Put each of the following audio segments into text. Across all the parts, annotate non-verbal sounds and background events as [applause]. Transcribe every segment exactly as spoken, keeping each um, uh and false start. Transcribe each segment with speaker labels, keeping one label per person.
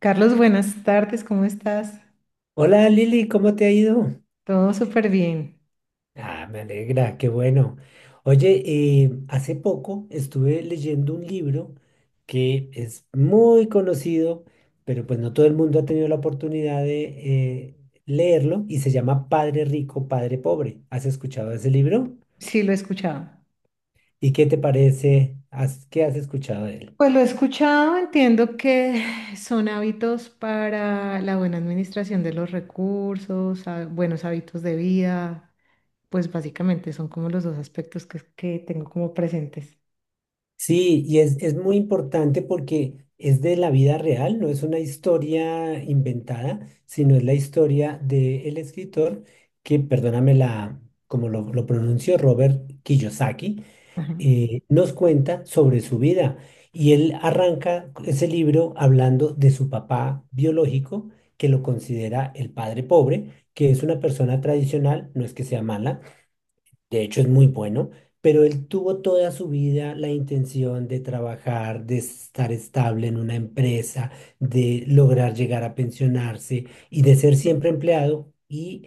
Speaker 1: Carlos, buenas tardes, ¿cómo estás?
Speaker 2: Hola Lili, ¿cómo te ha ido?
Speaker 1: Todo súper bien.
Speaker 2: Ah, me alegra, qué bueno. Oye, eh, hace poco estuve leyendo un libro que es muy conocido, pero pues no todo el mundo ha tenido la oportunidad de eh, leerlo y se llama Padre Rico, Padre Pobre. ¿Has escuchado ese libro?
Speaker 1: Sí, lo he escuchado.
Speaker 2: ¿Y qué te parece? ¿Has- qué has escuchado de él?
Speaker 1: Pues lo he escuchado, entiendo que [sighs] son hábitos para la buena administración de los recursos, há- buenos hábitos de vida, pues básicamente son como los dos aspectos que, que tengo como presentes.
Speaker 2: Sí, y es, es muy importante porque es de la vida real, no es una historia inventada, sino es la historia del escritor que, perdóname la, como lo, lo pronuncio, Robert Kiyosaki,
Speaker 1: Ajá.
Speaker 2: eh, nos cuenta sobre su vida. Y él arranca ese libro hablando de su papá biológico, que lo considera el padre pobre, que es una persona tradicional, no es que sea mala, de hecho, es muy bueno, pero él tuvo toda su vida la intención de trabajar, de estar estable en una empresa, de lograr llegar a pensionarse y de ser siempre empleado. Y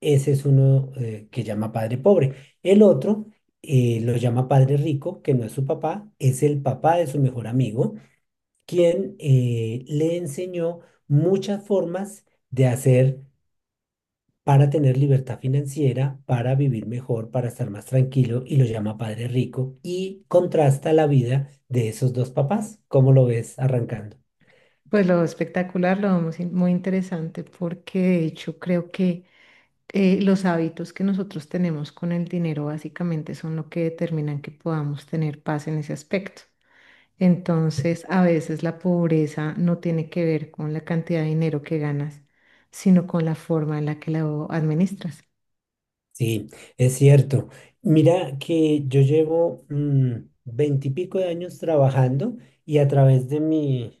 Speaker 2: ese es uno eh, que llama padre pobre. El otro eh, lo llama padre rico, que no es su papá, es el papá de su mejor amigo, quien eh, le enseñó muchas formas de hacer para tener libertad financiera, para vivir mejor, para estar más tranquilo y lo llama padre rico y contrasta la vida de esos dos papás. ¿Cómo lo ves arrancando?
Speaker 1: Pues lo espectacular, lo muy, muy interesante, porque de hecho creo que eh, los hábitos que nosotros tenemos con el dinero básicamente son lo que determinan que podamos tener paz en ese aspecto. Entonces, a veces la pobreza no tiene que ver con la cantidad de dinero que ganas, sino con la forma en la que lo administras.
Speaker 2: Sí, es cierto. Mira que yo llevo veintipico de años trabajando y a través de mi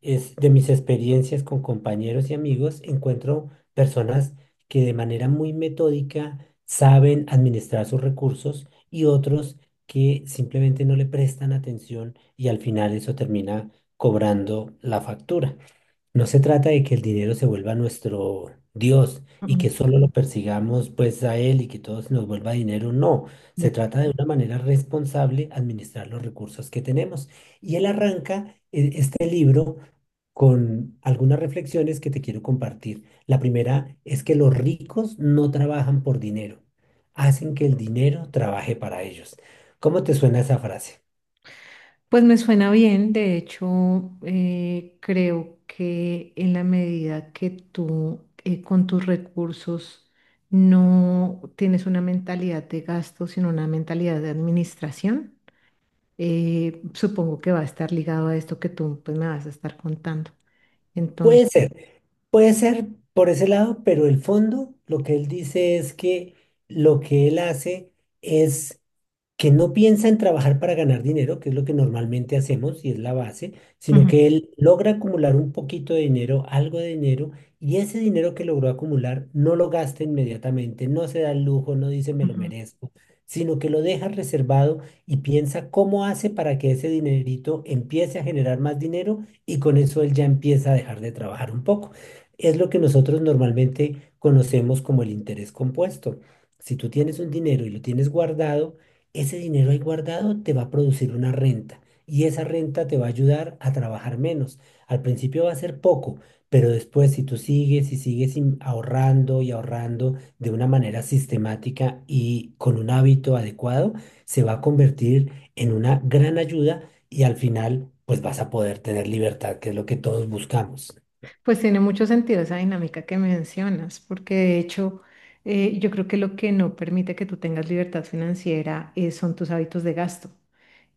Speaker 2: es de mis experiencias con compañeros y amigos, encuentro personas que de manera muy metódica saben administrar sus recursos y otros que simplemente no le prestan atención y al final eso termina cobrando la factura. No se trata de que el dinero se vuelva nuestro Dios y
Speaker 1: Mm.
Speaker 2: que solo lo persigamos pues a él y que todo se nos vuelva dinero, no.
Speaker 1: De
Speaker 2: Se
Speaker 1: acuerdo.
Speaker 2: trata de una manera responsable administrar los recursos que tenemos. Y él arranca eh, este libro con algunas reflexiones que te quiero compartir. La primera es que los ricos no trabajan por dinero, hacen que el dinero trabaje para ellos. ¿Cómo te suena esa frase?
Speaker 1: Pues me suena bien, de hecho, eh, creo que en la medida que tú eh, con tus recursos no tienes una mentalidad de gasto, sino una mentalidad de administración, eh, supongo que va a estar ligado a esto que tú pues, me vas a estar contando. Entonces,
Speaker 2: Puede ser, puede ser por ese lado, pero el fondo, lo que él dice es que lo que él hace es que no piensa en trabajar para ganar dinero, que es lo que normalmente hacemos y es la base, sino
Speaker 1: ujú,
Speaker 2: que él logra acumular un poquito de dinero, algo de dinero, y ese dinero que logró acumular no lo gasta inmediatamente, no se da el lujo, no dice me lo
Speaker 1: ujú.
Speaker 2: merezco, sino que lo deja reservado y piensa cómo hace para que ese dinerito empiece a generar más dinero y con eso él ya empieza a dejar de trabajar un poco. Es lo que nosotros normalmente conocemos como el interés compuesto. Si tú tienes un dinero y lo tienes guardado, ese dinero ahí guardado te va a producir una renta y esa renta te va a ayudar a trabajar menos. Al principio va a ser poco, pero después si tú sigues y sigues in- ahorrando y ahorrando de una manera sistemática y con un hábito adecuado, se va a convertir en una gran ayuda y al final pues vas a poder tener libertad, que es lo que todos buscamos.
Speaker 1: Pues tiene mucho sentido esa dinámica que mencionas, porque de hecho eh, yo creo que lo que no permite que tú tengas libertad financiera eh, son tus hábitos de gasto.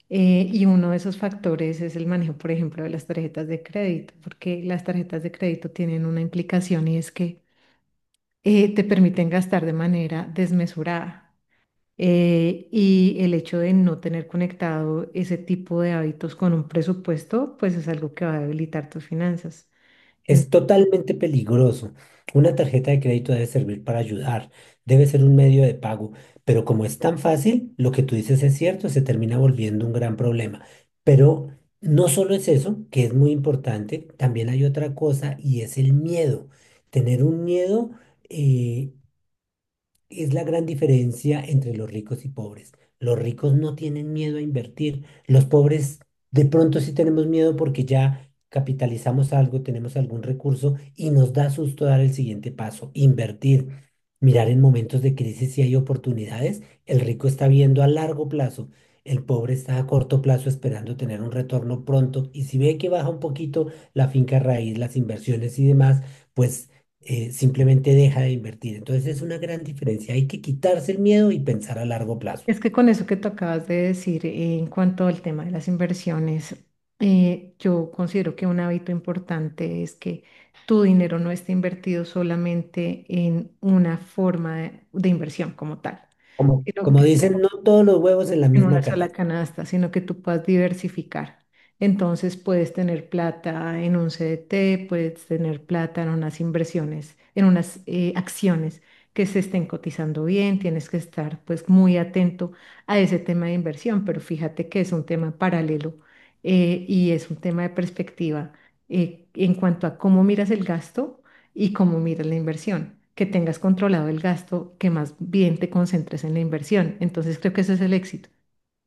Speaker 1: Eh, y uno de esos factores es el manejo, por ejemplo, de las tarjetas de crédito, porque las tarjetas de crédito tienen una implicación y es que eh, te permiten gastar de manera desmesurada. Eh, y el hecho de no tener conectado ese tipo de hábitos con un presupuesto, pues es algo que va a debilitar tus finanzas.
Speaker 2: Es totalmente peligroso. Una tarjeta de crédito debe servir para ayudar, debe ser un medio de pago, pero como es tan fácil, lo que tú dices es cierto, se termina volviendo un gran problema. Pero no solo es eso, que es muy importante, también hay otra cosa y es el miedo. Tener un miedo eh, es la gran diferencia entre los ricos y pobres. Los ricos no tienen miedo a invertir. Los pobres de pronto sí tenemos miedo porque ya capitalizamos algo, tenemos algún recurso y nos da susto dar el siguiente paso, invertir. Mirar en momentos de crisis si hay oportunidades. El rico está viendo a largo plazo. El pobre está a corto plazo esperando tener un retorno pronto. Y si ve que baja un poquito la finca raíz, las inversiones y demás, pues eh, simplemente deja de invertir. Entonces es una gran diferencia. Hay que quitarse el miedo y pensar a largo plazo.
Speaker 1: Es que con eso que tú acabas de decir, eh, en cuanto al tema de las inversiones, eh, yo considero que un hábito importante es que tu dinero no esté invertido solamente en una forma de, de inversión como tal,
Speaker 2: Como,
Speaker 1: sino
Speaker 2: como
Speaker 1: que
Speaker 2: dicen, no todos los huevos en la
Speaker 1: en una
Speaker 2: misma
Speaker 1: sola
Speaker 2: canasta.
Speaker 1: canasta, sino que tú puedas diversificar. Entonces puedes tener plata en un C D T, puedes tener plata en unas inversiones, en unas eh, acciones que se estén cotizando bien, tienes que estar pues muy atento a ese tema de inversión, pero fíjate que es un tema paralelo, eh, y es un tema de perspectiva eh, en cuanto a cómo miras el gasto y cómo miras la inversión, que tengas controlado el gasto, que más bien te concentres en la inversión. Entonces creo que ese es el éxito.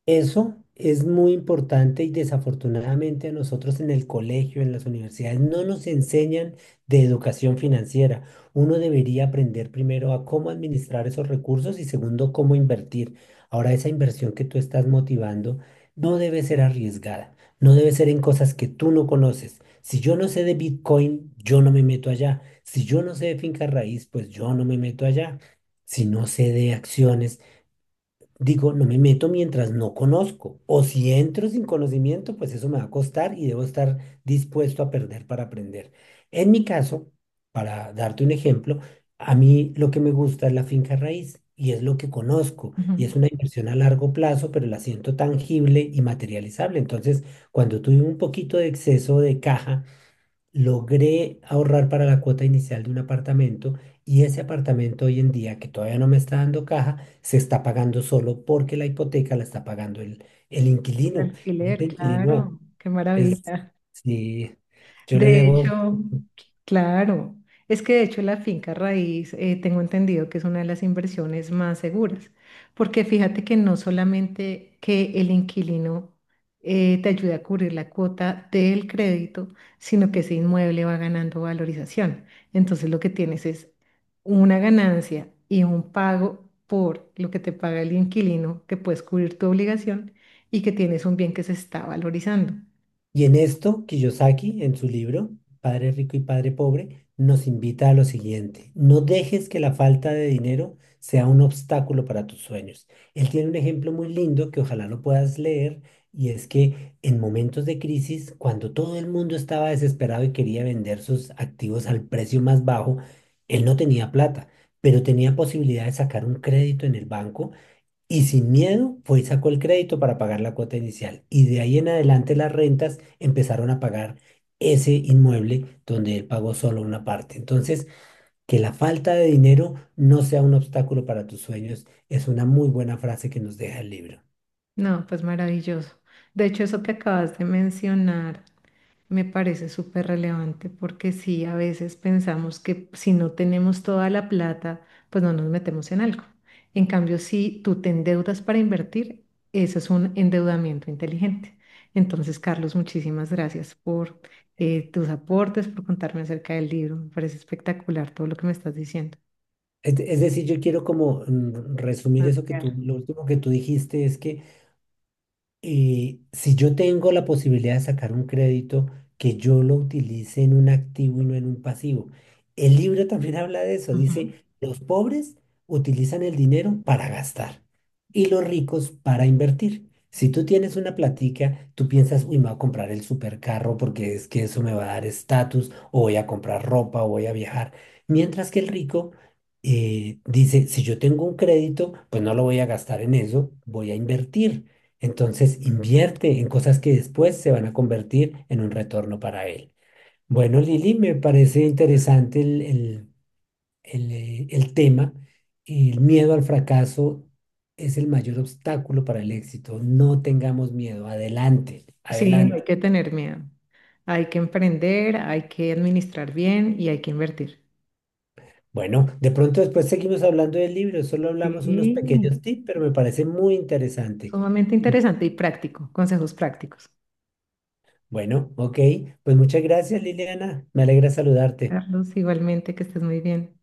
Speaker 2: Eso es muy importante y desafortunadamente a nosotros en el colegio, en las universidades, no nos enseñan de educación financiera. Uno debería aprender primero a cómo administrar esos recursos y segundo, cómo invertir. Ahora, esa inversión que tú estás motivando no debe ser arriesgada, no debe ser en cosas que tú no conoces. Si yo no sé de Bitcoin, yo no me meto allá. Si yo no sé de finca raíz, pues yo no me meto allá. Si no sé de acciones, digo, no me meto mientras no conozco. O si entro sin conocimiento, pues eso me va a costar y debo estar dispuesto a perder para aprender. En mi caso, para darte un ejemplo, a mí lo que me gusta es la finca raíz y es lo que conozco
Speaker 1: Ujú.
Speaker 2: y es una inversión a largo plazo, pero la siento tangible y materializable. Entonces, cuando tuve un poquito de exceso de caja, logré ahorrar para la cuota inicial de un apartamento y ese apartamento hoy en día, que todavía no me está dando caja, se está pagando solo porque la hipoteca la está pagando el, el
Speaker 1: El
Speaker 2: inquilino. Y
Speaker 1: alquiler,
Speaker 2: el inquilino
Speaker 1: claro, qué
Speaker 2: es,
Speaker 1: maravilla.
Speaker 2: sí, yo le
Speaker 1: De
Speaker 2: debo.
Speaker 1: hecho, claro, es que de hecho la finca raíz, eh, tengo entendido que es una de las inversiones más seguras, porque fíjate que no solamente que el inquilino eh, te ayuda a cubrir la cuota del crédito, sino que ese inmueble va ganando valorización. Entonces lo que tienes es una ganancia y un pago por lo que te paga el inquilino, que puedes cubrir tu obligación y que tienes un bien que se está valorizando.
Speaker 2: Y en esto, Kiyosaki, en su libro, Padre Rico y Padre Pobre, nos invita a lo siguiente. No dejes que la falta de dinero sea un obstáculo para tus sueños. Él tiene un ejemplo muy lindo que ojalá lo puedas leer, y es que en momentos de crisis, cuando todo el mundo estaba desesperado y quería vender sus activos al precio más bajo, él no tenía plata, pero tenía posibilidad de sacar un crédito en el banco y sin miedo fue y sacó el crédito para pagar la cuota inicial. Y de ahí en adelante las rentas empezaron a pagar ese inmueble donde él pagó solo una parte. Entonces, que la falta de dinero no sea un obstáculo para tus sueños es una muy buena frase que nos deja el libro.
Speaker 1: No, pues maravilloso. De hecho, eso que acabas de mencionar me parece súper relevante porque sí, a veces pensamos que si no tenemos toda la plata, pues no nos metemos en algo. En cambio, si tú te endeudas para invertir, eso es un endeudamiento inteligente. Entonces, Carlos, muchísimas gracias por eh, tus aportes, por contarme acerca del libro. Me parece espectacular todo lo que me estás diciendo.
Speaker 2: Es, de- es decir, yo quiero como mm, resumir eso que
Speaker 1: Claro.
Speaker 2: tú, lo último que tú dijiste es que eh, si yo tengo la posibilidad de sacar un crédito, que yo lo utilice en un activo y no en un pasivo. El libro también [laughs] habla de eso.
Speaker 1: Ujú.
Speaker 2: Dice, los pobres utilizan el dinero para gastar y los ricos para invertir. Si tú tienes una platica, tú piensas, uy, me voy a comprar el supercarro porque es que eso me va a dar estatus, o voy a comprar ropa, o voy a viajar. Mientras que el rico eh, dice, si yo tengo un crédito, pues no lo voy a gastar en eso, voy a invertir. Entonces invierte en cosas que después se van a convertir en un retorno para él. Bueno, Lili, me parece interesante el, el- el, eh, el tema. El miedo al fracaso es el mayor obstáculo para el éxito. No tengamos miedo. Adelante,
Speaker 1: Sí, no
Speaker 2: adelante.
Speaker 1: hay que tener miedo. Hay que emprender, hay que administrar bien y hay que invertir.
Speaker 2: Bueno, de pronto después seguimos hablando del libro. Solo hablamos unos
Speaker 1: Sí,
Speaker 2: pequeños tips, pero me parece muy interesante.
Speaker 1: sumamente
Speaker 2: Y,
Speaker 1: interesante y práctico, consejos prácticos.
Speaker 2: bueno, ok. Pues muchas gracias, Liliana. Me alegra saludarte.
Speaker 1: Carlos, igualmente que estés muy bien.